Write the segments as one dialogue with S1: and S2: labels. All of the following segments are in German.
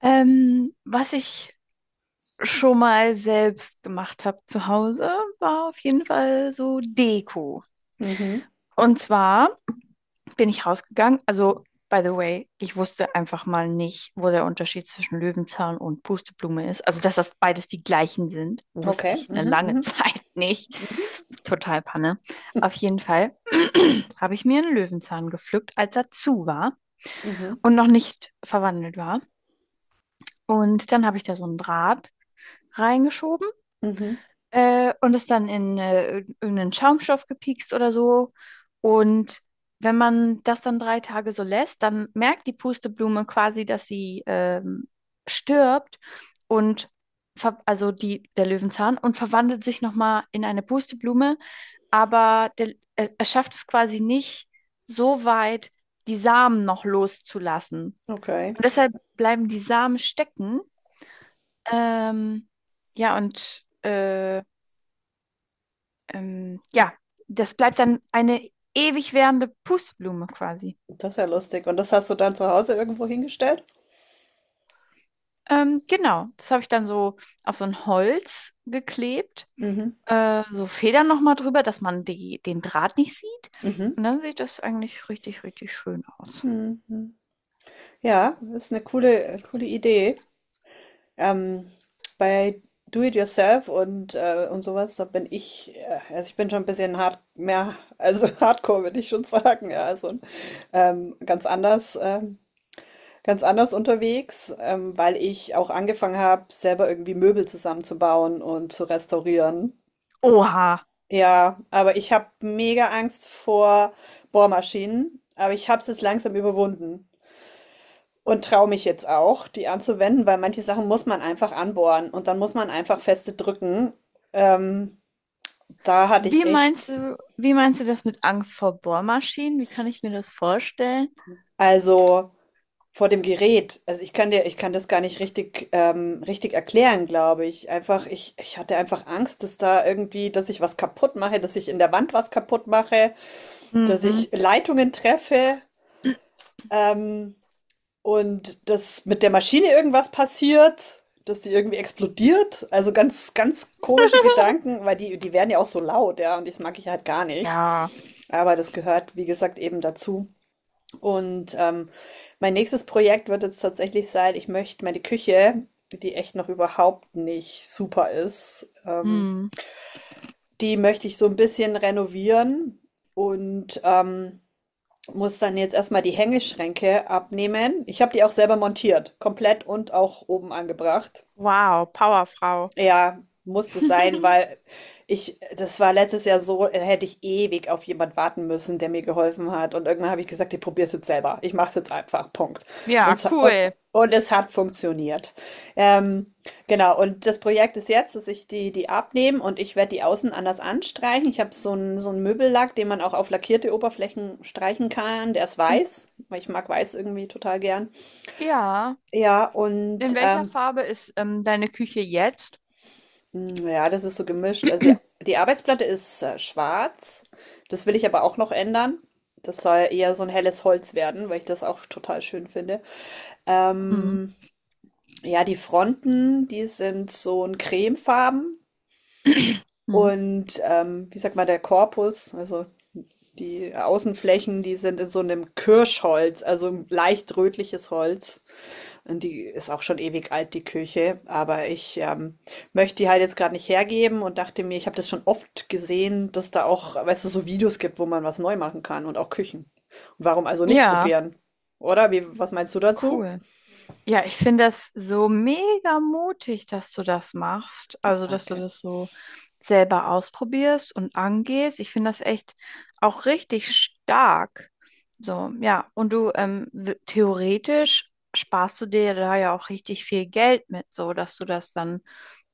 S1: Was ich schon mal selbst gemacht habe zu Hause, war auf jeden Fall so Deko.
S2: Mhm.
S1: Und zwar bin ich rausgegangen, also by the way, ich wusste einfach mal nicht, wo der Unterschied zwischen Löwenzahn und Pusteblume ist. Also, dass das beides die gleichen sind, wusste
S2: Okay.
S1: ich eine
S2: Mhm,
S1: lange
S2: mhm,
S1: Zeit nicht. Total Panne. Auf jeden Fall habe ich mir einen Löwenzahn gepflückt, als er zu war
S2: mhm,
S1: und noch nicht verwandelt war. Und dann habe ich da so einen Draht reingeschoben
S2: mhm.
S1: und es dann in irgendeinen Schaumstoff gepiekst oder so. Und wenn man das dann drei Tage so lässt, dann merkt die Pusteblume quasi, dass sie stirbt und also der Löwenzahn und verwandelt sich nochmal in eine Pusteblume, aber er schafft es quasi nicht so weit, die Samen noch loszulassen.
S2: Okay.
S1: Und deshalb bleiben die Samen stecken. Ähm, ja, und äh, ja, das bleibt dann eine ewig währende Pustblume quasi.
S2: Das ist ja lustig. Und das hast du dann zu Hause irgendwo hingestellt?
S1: Genau, das habe ich dann so auf so ein Holz geklebt,
S2: Mhm.
S1: so Federn nochmal drüber, dass man den Draht nicht sieht.
S2: Mhm.
S1: Und dann sieht das eigentlich richtig, richtig schön aus.
S2: Mhm. Ja, das ist eine coole, coole Idee. Ähm, Bei Do It Yourself und sowas, da bin ich, also ich bin schon ein bisschen hart, mehr, also Hardcore würde ich schon sagen, ja, also ähm, ganz anders, ähm, ganz anders unterwegs, weil ich auch angefangen habe, selber irgendwie Möbel zusammenzubauen und zu restaurieren.
S1: Oha,
S2: Ja, aber ich habe mega Angst vor Bohrmaschinen, aber ich habe es jetzt langsam überwunden und traue mich jetzt auch, die anzuwenden, weil manche Sachen muss man einfach anbohren und dann muss man einfach feste drücken. Ähm, Da hatte ich echt,
S1: wie meinst du das mit Angst vor Bohrmaschinen? Wie kann ich mir das vorstellen?
S2: also vor dem Gerät, also ich kann dir, ich kann das gar nicht richtig, richtig erklären, glaube ich. Einfach, ich hatte einfach Angst, dass da irgendwie, dass ich was kaputt mache, dass ich in der Wand was kaputt mache, dass
S1: Mhm.
S2: ich Leitungen treffe. Ähm, Und dass mit der Maschine irgendwas passiert, dass die irgendwie explodiert. Also ganz, ganz komische Gedanken, weil die, die werden ja auch so laut, ja, und das mag ich halt gar nicht.
S1: Ja,
S2: Aber das gehört, wie gesagt, eben dazu. Und mein nächstes Projekt wird jetzt tatsächlich sein, ich möchte meine Küche, die echt noch überhaupt nicht super ist,
S1: mm.
S2: die möchte ich so ein bisschen renovieren und muss dann jetzt erstmal die Hängeschränke abnehmen. Ich habe die auch selber montiert, komplett und auch oben angebracht.
S1: Wow, Powerfrau.
S2: Ja, musste sein, weil ich, das war letztes Jahr so, hätte ich ewig auf jemand warten müssen, der mir geholfen hat. Und irgendwann habe ich gesagt, ich probiere es jetzt selber. Ich mache es jetzt einfach. Punkt. Und,
S1: Ja,
S2: es- und,
S1: cool.
S2: und es hat funktioniert. Ähm, genau, und das Projekt ist jetzt, dass ich die abnehme und ich werde die außen anders anstreichen. Ich habe so einen Möbellack, den man auch auf lackierte Oberflächen streichen kann. Der ist weiß, weil ich mag weiß irgendwie total gern.
S1: Ja,
S2: Ja,
S1: in
S2: und
S1: welcher Farbe ist deine Küche jetzt?
S2: hm, ja, das ist so gemischt. Also die, die Arbeitsplatte ist schwarz. Das will ich aber auch noch ändern. Das soll eher so ein helles Holz werden, weil ich das auch total schön finde.
S1: Mhm.
S2: Ähm, ja, die Fronten, die sind so ein cremefarben.
S1: Mhm.
S2: Und wie sagt man, der Korpus, also die Außenflächen, die sind in so einem Kirschholz, also ein leicht rötliches Holz. Und die ist auch schon ewig alt, die Küche. Aber ich möchte die halt jetzt gerade nicht hergeben und dachte mir, ich habe das schon oft gesehen, dass da auch, weißt du, so Videos gibt, wo man was neu machen kann und auch Küchen. Und warum also nicht
S1: Ja,
S2: probieren? Oder? Wie, was meinst du dazu?
S1: cool. Ja, ich finde das so mega mutig, dass du das machst.
S2: Ach,
S1: Also, dass du
S2: danke.
S1: das so selber ausprobierst und angehst. Ich finde das echt auch richtig stark. So, ja. Und du, theoretisch sparst du dir da ja auch richtig viel Geld mit, so dass du das dann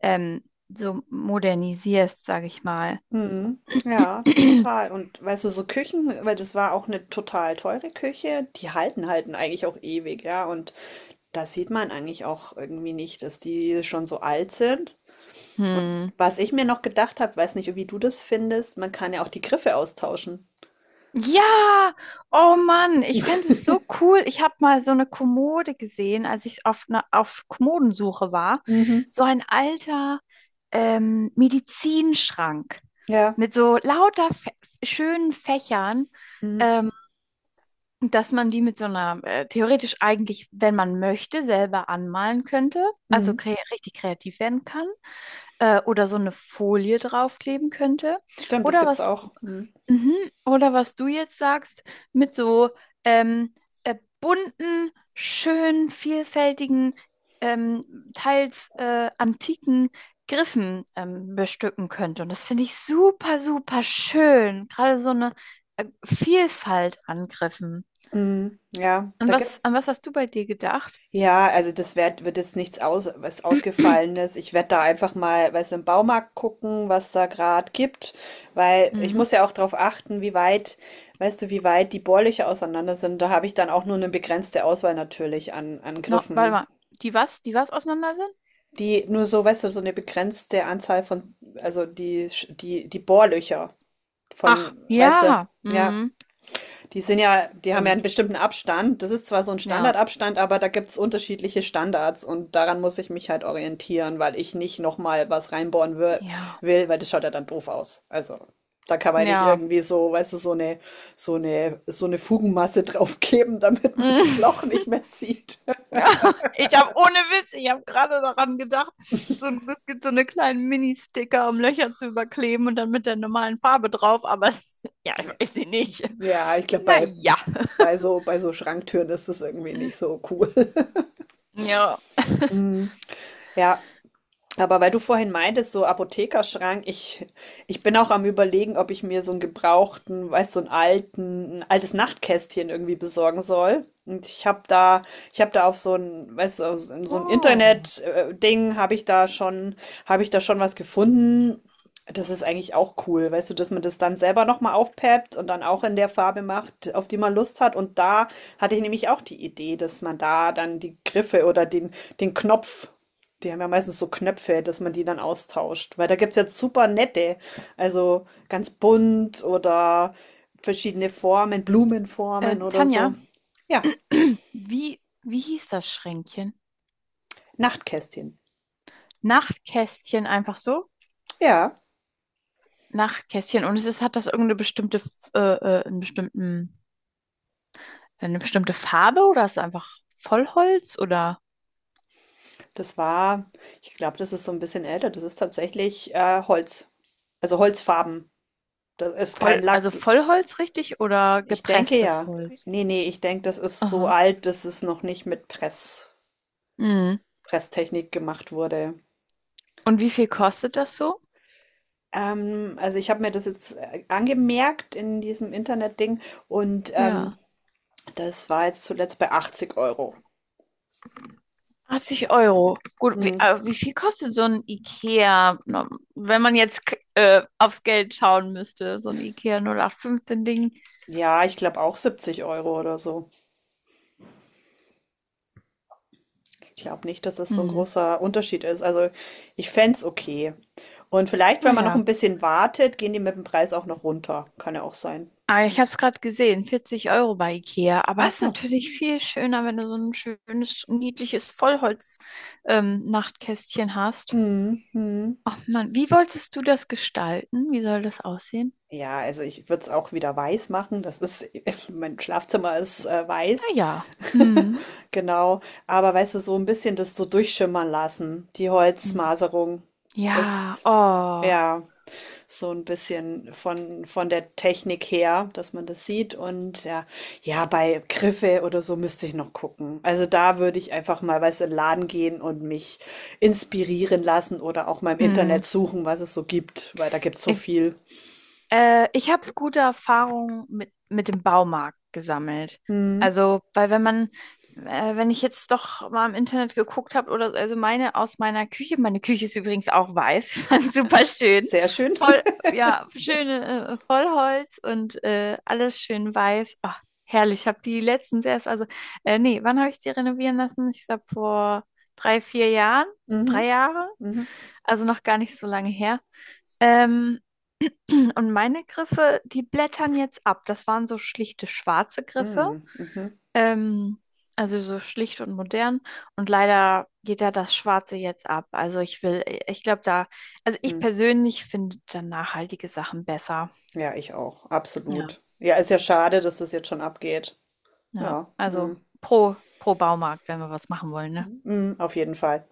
S1: ähm, so modernisierst, sage ich mal.
S2: Mhm. Ja, total. Und weißt du, so Küchen, weil das war auch eine total teure Küche, die halten eigentlich auch ewig, ja. Und da sieht man eigentlich auch irgendwie nicht, dass die schon so alt sind. Und
S1: Hm.
S2: was ich mir noch gedacht habe, weiß nicht, wie du das findest, man kann ja auch die Griffe austauschen.
S1: Ja, oh Mann, ich fände es so cool. Ich habe mal so eine Kommode gesehen, als ich auf, ne, auf Kommodensuche war.
S2: Mhm.
S1: So ein alter Medizinschrank
S2: Ja.
S1: mit so lauter Fä schönen Fächern.
S2: Mhm.
S1: ähm, Dass man die mit so einer theoretisch eigentlich, wenn man möchte, selber anmalen könnte, also
S2: Mhm.
S1: kre richtig kreativ werden kann, oder so eine Folie draufkleben könnte,
S2: Stimmt, das
S1: oder
S2: gibt's
S1: was,
S2: auch. Mhm.
S1: mhm, oder was du jetzt sagst, mit so ähm, äh, bunten, schönen, vielfältigen, teils antiken Griffen bestücken könnte. Und das finde ich super, super schön. Gerade so eine Vielfalt an Griffen.
S2: Mhm. Ja, da gibt's.
S1: An was hast du bei dir gedacht?
S2: Ja, also das wird jetzt nichts aus, was Ausgefallenes. Ich werde da einfach mal, weiß im Baumarkt gucken, was da gerade gibt, weil ich
S1: Mhm.
S2: muss ja auch darauf achten, wie weit, weißt du, wie weit die Bohrlöcher auseinander sind. Da habe ich dann auch nur eine begrenzte Auswahl natürlich an, an
S1: No, warte
S2: Griffen.
S1: mal. Die was? Die was auseinander sind?
S2: Die nur so, weißt du, so eine begrenzte Anzahl von, also die Bohrlöcher
S1: Ach,
S2: von, weißt du,
S1: ja.
S2: ja,
S1: Mhm.
S2: die sind ja, die haben ja einen
S1: Stimmt.
S2: bestimmten Abstand. Das ist zwar so ein
S1: Ja.
S2: Standardabstand, aber da gibt es unterschiedliche Standards und daran muss ich mich halt orientieren, weil ich nicht nochmal was reinbohren
S1: Ja.
S2: will, weil das schaut ja dann doof aus. Also, da kann man ja nicht
S1: Ja.
S2: irgendwie so, weißt du, so eine Fugenmasse draufgeben, damit man das Loch
S1: Mhm.
S2: nicht mehr sieht.
S1: Ich habe ohne Witz, ich habe gerade daran gedacht, es gibt so eine kleinen Mini-Sticker, um Löcher zu überkleben und dann mit der normalen Farbe drauf, aber ja, ich weiß sie nicht.
S2: Ja, ich glaube,
S1: Naja.
S2: bei so Schranktüren ist das irgendwie nicht so cool.
S1: Ja.
S2: Ja, aber weil du vorhin meintest, so Apothekerschrank, ich bin auch am Überlegen, ob ich mir so einen gebrauchten, weißt du, so einen alten, ein altes Nachtkästchen irgendwie besorgen soll. Und ich habe da auf so ein, weißt du, auf so ein
S1: Oh.
S2: Internet-Ding habe ich da schon was gefunden. Das ist eigentlich auch cool, weißt du, dass man das dann selber nochmal aufpeppt und dann auch in der Farbe macht, auf die man Lust hat. Und da hatte ich nämlich auch die Idee, dass man da dann die Griffe oder den Knopf, die haben ja meistens so Knöpfe, dass man die dann austauscht. Weil da gibt es jetzt super nette, also ganz bunt oder verschiedene Formen, Blumenformen oder
S1: Tanja,
S2: so. Ja,
S1: wie hieß das Schränkchen?
S2: Nachtkästchen.
S1: Nachtkästchen einfach so?
S2: Ja,
S1: Nach Kästchen. Und es ist, hat das irgendeine bestimmte, F- einen bestimmten, eine bestimmte Farbe oder ist es einfach Vollholz oder
S2: das war, ich glaube, das ist so ein bisschen älter. Das ist tatsächlich Holz. Also Holzfarben. Das ist kein
S1: voll,
S2: Lack.
S1: also Vollholz richtig oder
S2: Ich denke
S1: gepresstes
S2: ja.
S1: Holz?
S2: Nee, nee, ich denke, das ist so
S1: Aha.
S2: alt, dass es noch nicht mit
S1: Mhm.
S2: Presstechnik gemacht wurde.
S1: Und wie viel kostet das so?
S2: Also ich habe mir das jetzt angemerkt in diesem Internetding und
S1: Ja.
S2: das war jetzt zuletzt bei 80 Euro.
S1: 80 Euro. Gut,
S2: Hm.
S1: wie viel kostet so ein IKEA, na, wenn man jetzt aufs Geld schauen müsste, so ein IKEA 0815-Ding?
S2: Ja, ich glaube auch 70 Euro oder so. Ich glaube nicht, dass das so ein
S1: Hm.
S2: großer Unterschied ist. Also ich fände es okay. Und vielleicht, wenn man noch
S1: Naja.
S2: ein bisschen wartet, gehen die mit dem Preis auch noch runter. Kann ja auch sein.
S1: Ah, ich habe es gerade gesehen, 40 € bei Ikea. Aber
S2: Ach
S1: es ist
S2: so.
S1: natürlich viel schöner, wenn du so ein schönes, niedliches Vollholz-Nachtkästchen hast.
S2: Mhm. Mhm.
S1: Ach Mann, wie wolltest du das gestalten? Wie soll das aussehen?
S2: Ja, also ich würde es auch wieder weiß machen. Das ist, mein Schlafzimmer ist weiß.
S1: Naja. Hm.
S2: Genau, aber weißt du, so ein bisschen das so durchschimmern lassen, die
S1: Hm.
S2: Holzmaserung.
S1: Ja,
S2: Das
S1: oh.
S2: ja, so ein bisschen von der Technik her, dass man das sieht und ja. Ja, bei Griffe oder so müsste ich noch gucken. Also, da würde ich einfach mal, weißt du, in 'n Laden gehen und mich inspirieren lassen oder auch mal im
S1: Hm.
S2: Internet suchen, was es so gibt, weil da gibt es so
S1: Äh,
S2: viel.
S1: Ich habe gute Erfahrungen mit dem Baumarkt gesammelt.
S2: Mhm.
S1: Also, weil wenn man, wenn ich jetzt doch mal im Internet geguckt habe oder so, also meine Küche ist übrigens auch weiß, fand super schön,
S2: Sehr schön.
S1: voll, ja, schöne Vollholz und alles schön weiß. Ach, herrlich, ich habe die letztens erst, also, wann habe ich die renovieren lassen? Ich glaube vor drei, vier Jahren,
S2: Mhm.
S1: drei Jahre,
S2: Mhm.
S1: also noch gar nicht so lange her. Ähm, und meine Griffe, die blättern jetzt ab. Das waren so schlichte schwarze Griffe.
S2: Mhm. Mhm.
S1: Ähm, also so schlicht und modern. Und leider geht da das Schwarze jetzt ab. Also ich glaube da, also ich
S2: Hm.
S1: persönlich finde dann nachhaltige Sachen besser.
S2: Ja, ich auch,
S1: Ja,
S2: absolut. Ja, ist ja schade, dass das jetzt schon abgeht.
S1: ja.
S2: Ja,
S1: Also
S2: mm,
S1: pro Baumarkt, wenn wir was machen wollen, ne?
S2: mm, auf jeden Fall.